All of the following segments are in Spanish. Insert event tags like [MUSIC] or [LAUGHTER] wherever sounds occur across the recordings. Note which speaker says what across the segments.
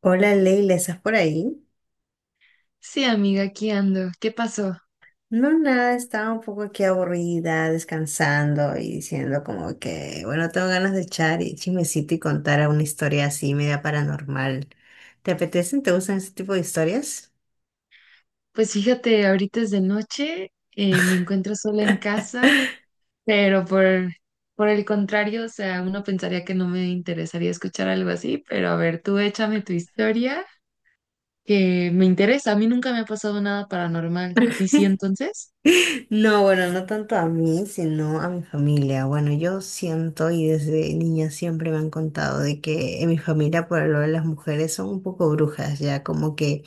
Speaker 1: Hola Leila, ¿estás por ahí?
Speaker 2: Sí, amiga, aquí ando. ¿Qué pasó?
Speaker 1: No, nada, estaba un poco aquí aburrida, descansando y diciendo como que, bueno, tengo ganas de echar y chismecito y contar una historia así media paranormal. ¿Te apetecen? ¿Te gustan ese tipo de historias?
Speaker 2: Pues fíjate, ahorita es de noche, me encuentro sola en casa,
Speaker 1: [LAUGHS]
Speaker 2: pero por el contrario, o sea, uno pensaría que no me interesaría escuchar algo así, pero a ver, tú échame tu historia, que me interesa. A mí nunca me ha pasado nada paranormal. ¿A ti sí entonces?
Speaker 1: No, bueno, no tanto a mí, sino a mi familia. Bueno, yo siento y desde niña siempre me han contado de que en mi familia por lo de las mujeres son un poco brujas, ya como que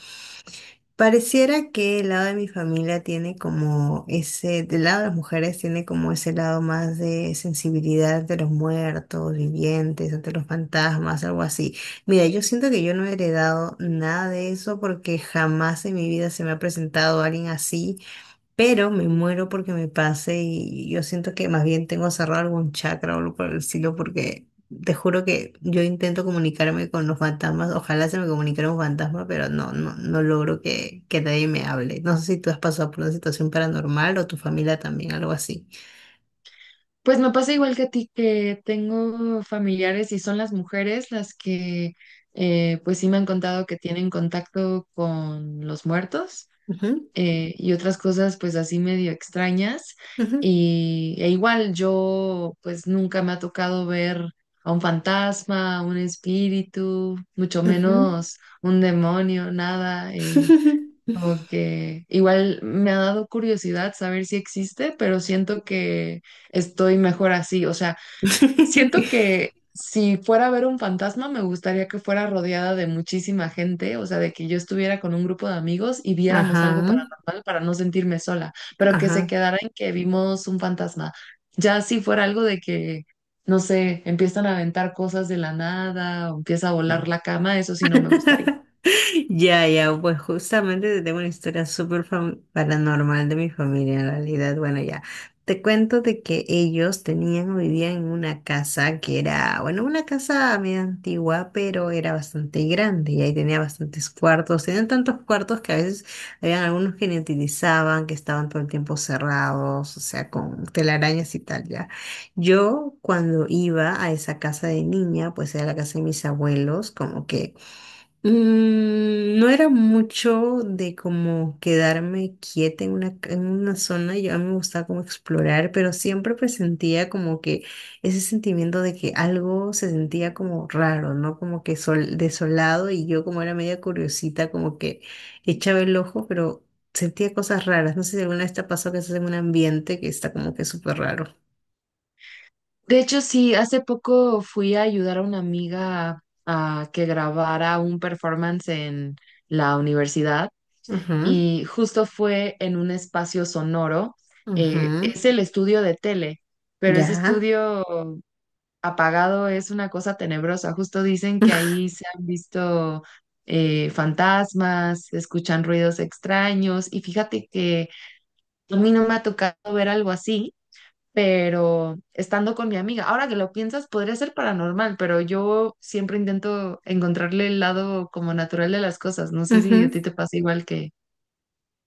Speaker 1: pareciera que el lado de mi familia tiene como ese, del lado de las mujeres tiene como ese lado más de sensibilidad ante los muertos, vivientes, ante los fantasmas, algo así. Mira, yo siento que yo no he heredado nada de eso porque jamás en mi vida se me ha presentado alguien así, pero me muero porque me pase y yo siento que más bien tengo cerrado algún chakra o algo por el estilo porque te juro que yo intento comunicarme con los fantasmas, ojalá se me comunicara un fantasma, pero no, no, no logro que nadie me hable. No sé si tú has pasado por una situación paranormal o tu familia también, algo así.
Speaker 2: Pues me pasa igual que a ti, que tengo familiares y son las mujeres las que pues sí me han contado que tienen contacto con los muertos.
Speaker 1: Ujú,
Speaker 2: Y otras cosas pues así medio extrañas.
Speaker 1: ujú,
Speaker 2: E igual yo pues nunca me ha tocado ver a un fantasma, a un espíritu, mucho
Speaker 1: ujú.
Speaker 2: menos un demonio, nada. Como que igual me ha dado curiosidad saber si existe, pero siento que estoy mejor así. O sea, siento
Speaker 1: [LAUGHS]
Speaker 2: que si fuera a ver un fantasma, me gustaría que fuera rodeada de muchísima gente, o sea, de que yo estuviera con un grupo de amigos y viéramos algo
Speaker 1: Ajá,
Speaker 2: paranormal para no sentirme sola, pero que se
Speaker 1: ajá.
Speaker 2: quedara en que vimos un fantasma. Ya si fuera algo de que, no sé, empiezan a aventar cosas de la nada o empieza a volar la cama, eso sí no me gustaría.
Speaker 1: [LAUGHS] Ya, ya, pues justamente te tengo una historia súper paranormal de mi familia en realidad. Bueno, ya, te cuento de que ellos tenían o vivían en una casa que era, bueno, una casa medio antigua, pero era bastante grande y ahí tenía bastantes cuartos. Tenían tantos cuartos que a veces habían algunos que ni utilizaban, que estaban todo el tiempo cerrados, o sea, con telarañas y tal, ya. Yo cuando iba a esa casa de niña, pues era la casa de mis abuelos, como que no era mucho de como quedarme quieta en en una zona, yo a mí me gustaba como explorar, pero siempre presentía como que ese sentimiento de que algo se sentía como raro, ¿no? Como que sol, desolado y yo como era media curiosita, como que echaba el ojo, pero sentía cosas raras. No sé si alguna vez te ha pasado que estás en un ambiente que está como que súper raro.
Speaker 2: De hecho, sí, hace poco fui a ayudar a una amiga a que grabara un performance en la universidad. Y justo fue en un espacio sonoro.
Speaker 1: Ujú, ujú,
Speaker 2: Es el estudio de tele, pero ese
Speaker 1: ya.
Speaker 2: estudio apagado es una cosa tenebrosa. Justo dicen que ahí se han visto fantasmas, se escuchan ruidos extraños y fíjate que a mí no me ha tocado ver algo así. Pero estando con mi amiga, ahora que lo piensas, podría ser paranormal, pero yo siempre intento encontrarle el lado como natural de las cosas. No sé si a ti
Speaker 1: [LAUGHS]
Speaker 2: te pasa igual que...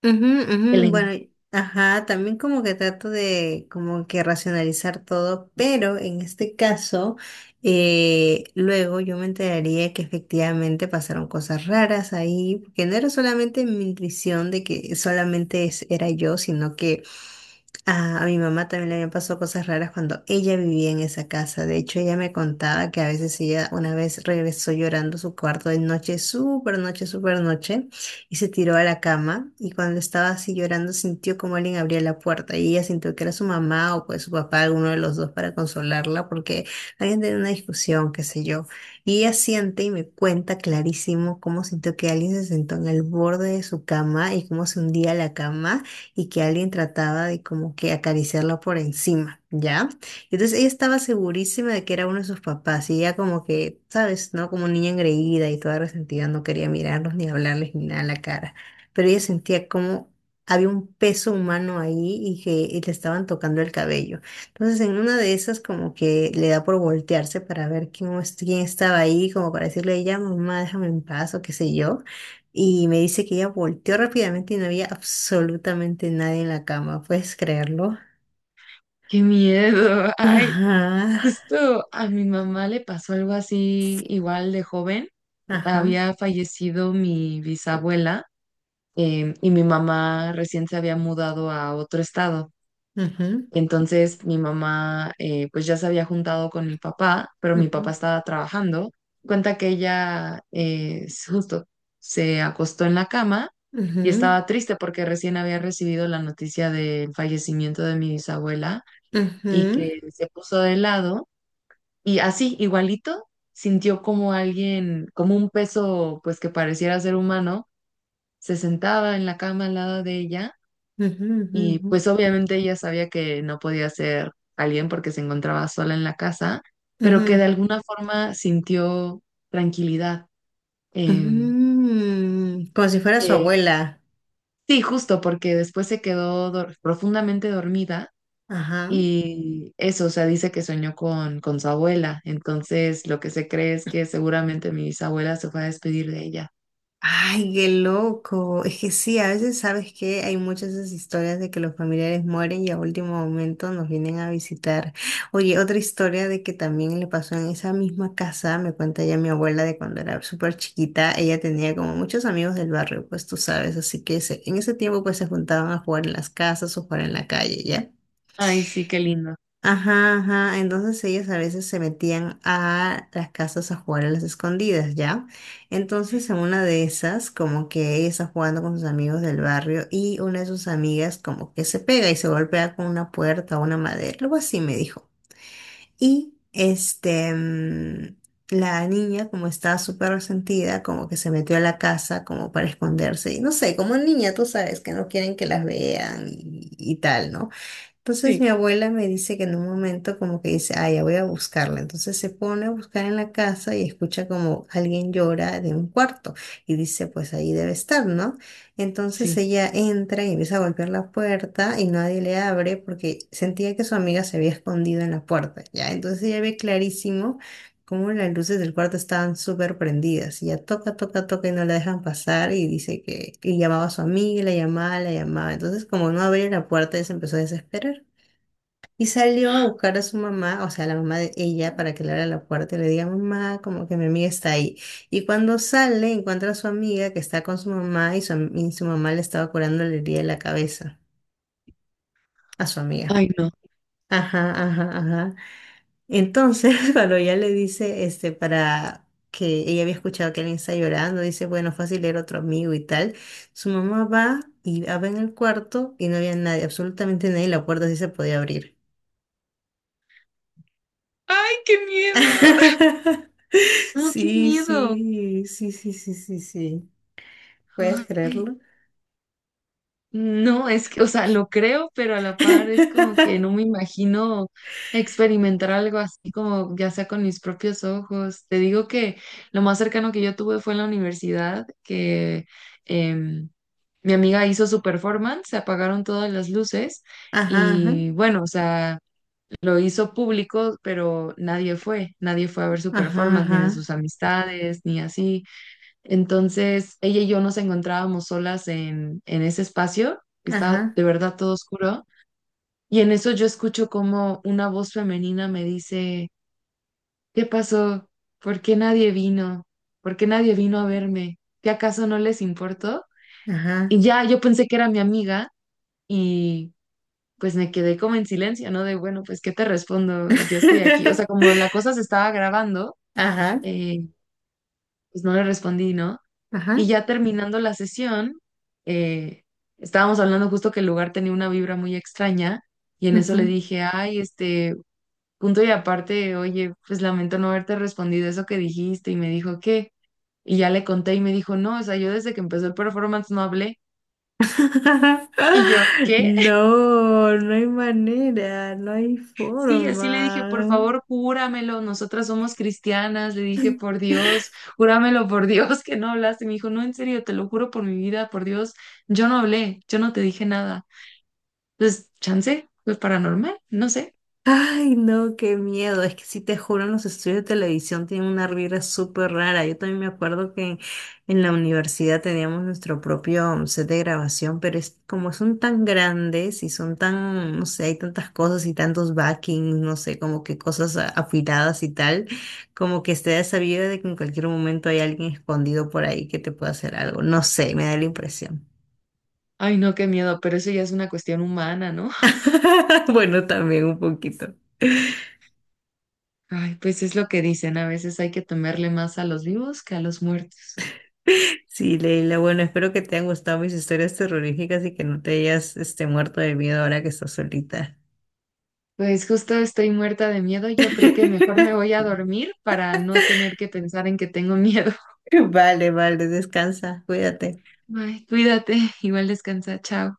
Speaker 1: Ujú, ujú, bueno, ajá, también como que trato de como que racionalizar todo, pero en este caso, luego yo me enteraría que efectivamente pasaron cosas raras ahí, que no era solamente mi intuición de que solamente era yo, sino que a mi mamá también le habían pasado cosas raras cuando ella vivía en esa casa. De hecho, ella me contaba que a veces ella una vez regresó llorando a su cuarto de noche, súper noche, súper noche, y se tiró a la cama. Y cuando estaba así llorando, sintió como alguien abría la puerta. Y ella sintió que era su mamá o pues su papá, alguno de los dos, para consolarla, porque habían tenido una discusión, qué sé yo. Y ella siente y me cuenta clarísimo cómo sintió que alguien se sentó en el borde de su cama y cómo se hundía la cama y que alguien trataba de como que acariciarla por encima, ¿ya? Entonces ella estaba segurísima de que era uno de sus papás y ella como que, ¿sabes? ¿No? Como niña engreída y toda resentida, no quería mirarlos ni hablarles ni nada a la cara, pero ella sentía como... había un peso humano ahí y que y le estaban tocando el cabello. Entonces, en una de esas, como que le da por voltearse para ver quién estaba ahí, como para decirle, ya, mamá, déjame en paz o qué sé yo. Y me dice que ella volteó rápidamente y no había absolutamente nadie en la cama. ¿Puedes creerlo?
Speaker 2: Qué miedo. [LAUGHS] Ay,
Speaker 1: Ajá,
Speaker 2: justo a mi mamá le pasó algo así igual de joven.
Speaker 1: ajá,
Speaker 2: Había fallecido mi bisabuela, y mi mamá recién se había mudado a otro estado.
Speaker 1: ujú,
Speaker 2: Entonces mi mamá, pues ya se había juntado con mi papá, pero mi papá
Speaker 1: ujú,
Speaker 2: estaba trabajando. Cuenta que ella, justo se acostó en la cama y estaba triste porque recién había recibido la noticia del fallecimiento de mi bisabuela,
Speaker 1: ujú,
Speaker 2: y
Speaker 1: ujú,
Speaker 2: que se puso de lado y así, igualito, sintió como alguien, como un peso, pues que pareciera ser humano, se sentaba en la cama al lado de ella.
Speaker 1: ujú,
Speaker 2: Y
Speaker 1: ujú,
Speaker 2: pues obviamente ella sabía que no podía ser alguien porque se encontraba sola en la casa, pero que de
Speaker 1: ujú,
Speaker 2: alguna forma sintió tranquilidad, em,
Speaker 1: ujú. Como si fuera su
Speaker 2: que
Speaker 1: abuela.
Speaker 2: sí, justo porque después se quedó profundamente dormida.
Speaker 1: Ajá.
Speaker 2: Y eso, o sea, dice que soñó con su abuela. Entonces, lo que se cree es que seguramente mi bisabuela se fue a despedir de ella.
Speaker 1: Ay, qué loco. Es que sí, a veces sabes que hay muchas de esas historias de que los familiares mueren y a último momento nos vienen a visitar. Oye, otra historia de que también le pasó en esa misma casa, me cuenta ya mi abuela de cuando era súper chiquita, ella tenía como muchos amigos del barrio, pues tú sabes, así que en ese tiempo pues se juntaban a jugar en las casas o jugar en la calle, ¿ya?
Speaker 2: Ay, sí, qué lindo.
Speaker 1: Ajá, ajá. Entonces ellos a veces se metían a las casas a jugar a las escondidas, ¿ya? Entonces en una de esas, como que ella está jugando con sus amigos del barrio y una de sus amigas como que se pega y se golpea con una puerta o una madera, algo así me dijo. Y este, la niña como estaba súper resentida, como que se metió a la casa como para esconderse. Y no sé, como niña, tú sabes que no quieren que las vean y tal, ¿no? Entonces
Speaker 2: Sí.
Speaker 1: mi abuela me dice que en un momento como que dice, ah, ya voy a buscarla. Entonces se pone a buscar en la casa y escucha como alguien llora de un cuarto y dice, pues ahí debe estar, ¿no? Entonces
Speaker 2: Sí.
Speaker 1: ella entra y empieza a golpear la puerta y nadie le abre porque sentía que su amiga se había escondido en la puerta, ¿ya? Entonces ella ve clarísimo cómo las luces del cuarto estaban súper prendidas. Y ya toca, toca, toca y no la dejan pasar y dice que y llamaba a su amiga, y la llamaba, la llamaba. Entonces como no abría la puerta, ella se empezó a desesperar. Y salió a buscar a su mamá, o sea, a la mamá de ella, para que le abra la puerta y le diga, mamá, como que mi amiga está ahí. Y cuando sale, encuentra a su amiga que está con su mamá y y su mamá le estaba curando la herida de la cabeza a su amiga.
Speaker 2: Ay, no.
Speaker 1: Ajá, ajá, ajá. Entonces, [LAUGHS] cuando ella le dice, este, para que ella había escuchado que alguien está llorando, dice, bueno, fácil era otro amigo y tal. Su mamá va y abre en el cuarto y no había nadie, absolutamente nadie, la puerta sí se podía abrir.
Speaker 2: ¡Ay, qué miedo!
Speaker 1: [LAUGHS]
Speaker 2: No, qué
Speaker 1: Sí,
Speaker 2: miedo.
Speaker 1: sí, sí, sí, sí, sí, sí. ¿Puedes
Speaker 2: Ay,
Speaker 1: creerlo?
Speaker 2: no, es que, o sea, lo creo, pero a la par es como
Speaker 1: [LAUGHS]
Speaker 2: que no me imagino experimentar algo así como ya sea con mis propios ojos. Te digo que lo más cercano que yo tuve fue en la universidad, que em, mi amiga hizo su performance, se apagaron todas las luces
Speaker 1: Ajá, ajá,
Speaker 2: y bueno, o sea, lo hizo público, pero nadie fue, nadie fue a ver su performance, ni de
Speaker 1: ajá,
Speaker 2: sus amistades, ni así. Entonces, ella y yo nos encontrábamos solas en ese espacio, que estaba
Speaker 1: ajá,
Speaker 2: de verdad todo oscuro, y en eso yo escucho como una voz femenina me dice, ¿qué pasó? ¿Por qué nadie vino? ¿Por qué nadie vino a verme? ¿Qué acaso no les importó?
Speaker 1: ajá,
Speaker 2: Y ya yo pensé que era mi amiga y pues me quedé como en silencio, ¿no? De, bueno, pues, ¿qué te respondo? Yo estoy aquí. O
Speaker 1: ajá.
Speaker 2: sea, como
Speaker 1: [LAUGHS]
Speaker 2: la cosa se estaba grabando,
Speaker 1: Ajá,
Speaker 2: eh, pues no le respondí, ¿no? Y
Speaker 1: ajá.
Speaker 2: ya terminando la sesión, eh, estábamos hablando justo que el lugar tenía una vibra muy extraña y en eso le
Speaker 1: Ujú.
Speaker 2: dije, ay, este, punto y aparte, oye, pues lamento no haberte respondido eso que dijiste y me dijo, ¿qué? Y ya le conté y me dijo, no, o sea, yo desde que empezó el performance no hablé.
Speaker 1: [LAUGHS]
Speaker 2: Y yo, ¿qué?
Speaker 1: No, no hay manera, no hay
Speaker 2: Sí, así le dije, por
Speaker 1: forma.
Speaker 2: favor, júramelo, nosotras somos cristianas, le dije, por Dios, júramelo por [LAUGHS] Dios que no hablaste. Me dijo, no, en serio, te lo juro por mi vida, por Dios, yo no hablé, yo no te dije nada. Entonces, chance, fue paranormal, no sé.
Speaker 1: Ay, no, qué miedo. Es que sí te juro, en los estudios de televisión tienen una vibra súper rara. Yo también me acuerdo que en la universidad teníamos nuestro propio set de grabación, pero es como son tan grandes y son tan, no sé, hay tantas cosas y tantos backings, no sé, como que cosas afiladas y tal, como que está esa vibra de que en cualquier momento hay alguien escondido por ahí que te pueda hacer algo. No sé, me da la impresión.
Speaker 2: Ay, no, qué miedo, pero eso ya es una cuestión humana, ¿no? [LAUGHS]
Speaker 1: [LAUGHS] Bueno, también un poquito.
Speaker 2: Ay, pues es lo que dicen, a veces hay que temerle más a los vivos que a los muertos.
Speaker 1: Sí, Leila, bueno, espero que te hayan gustado mis historias terroríficas y que no te hayas este, muerto de miedo ahora que estás solita.
Speaker 2: Pues justo estoy muerta de miedo, yo creo que mejor me voy
Speaker 1: [LAUGHS]
Speaker 2: a dormir para no tener que pensar en que tengo [LAUGHS] miedo.
Speaker 1: Vale, vale, descansa, cuídate.
Speaker 2: Bye, cuídate, igual descansa, chao.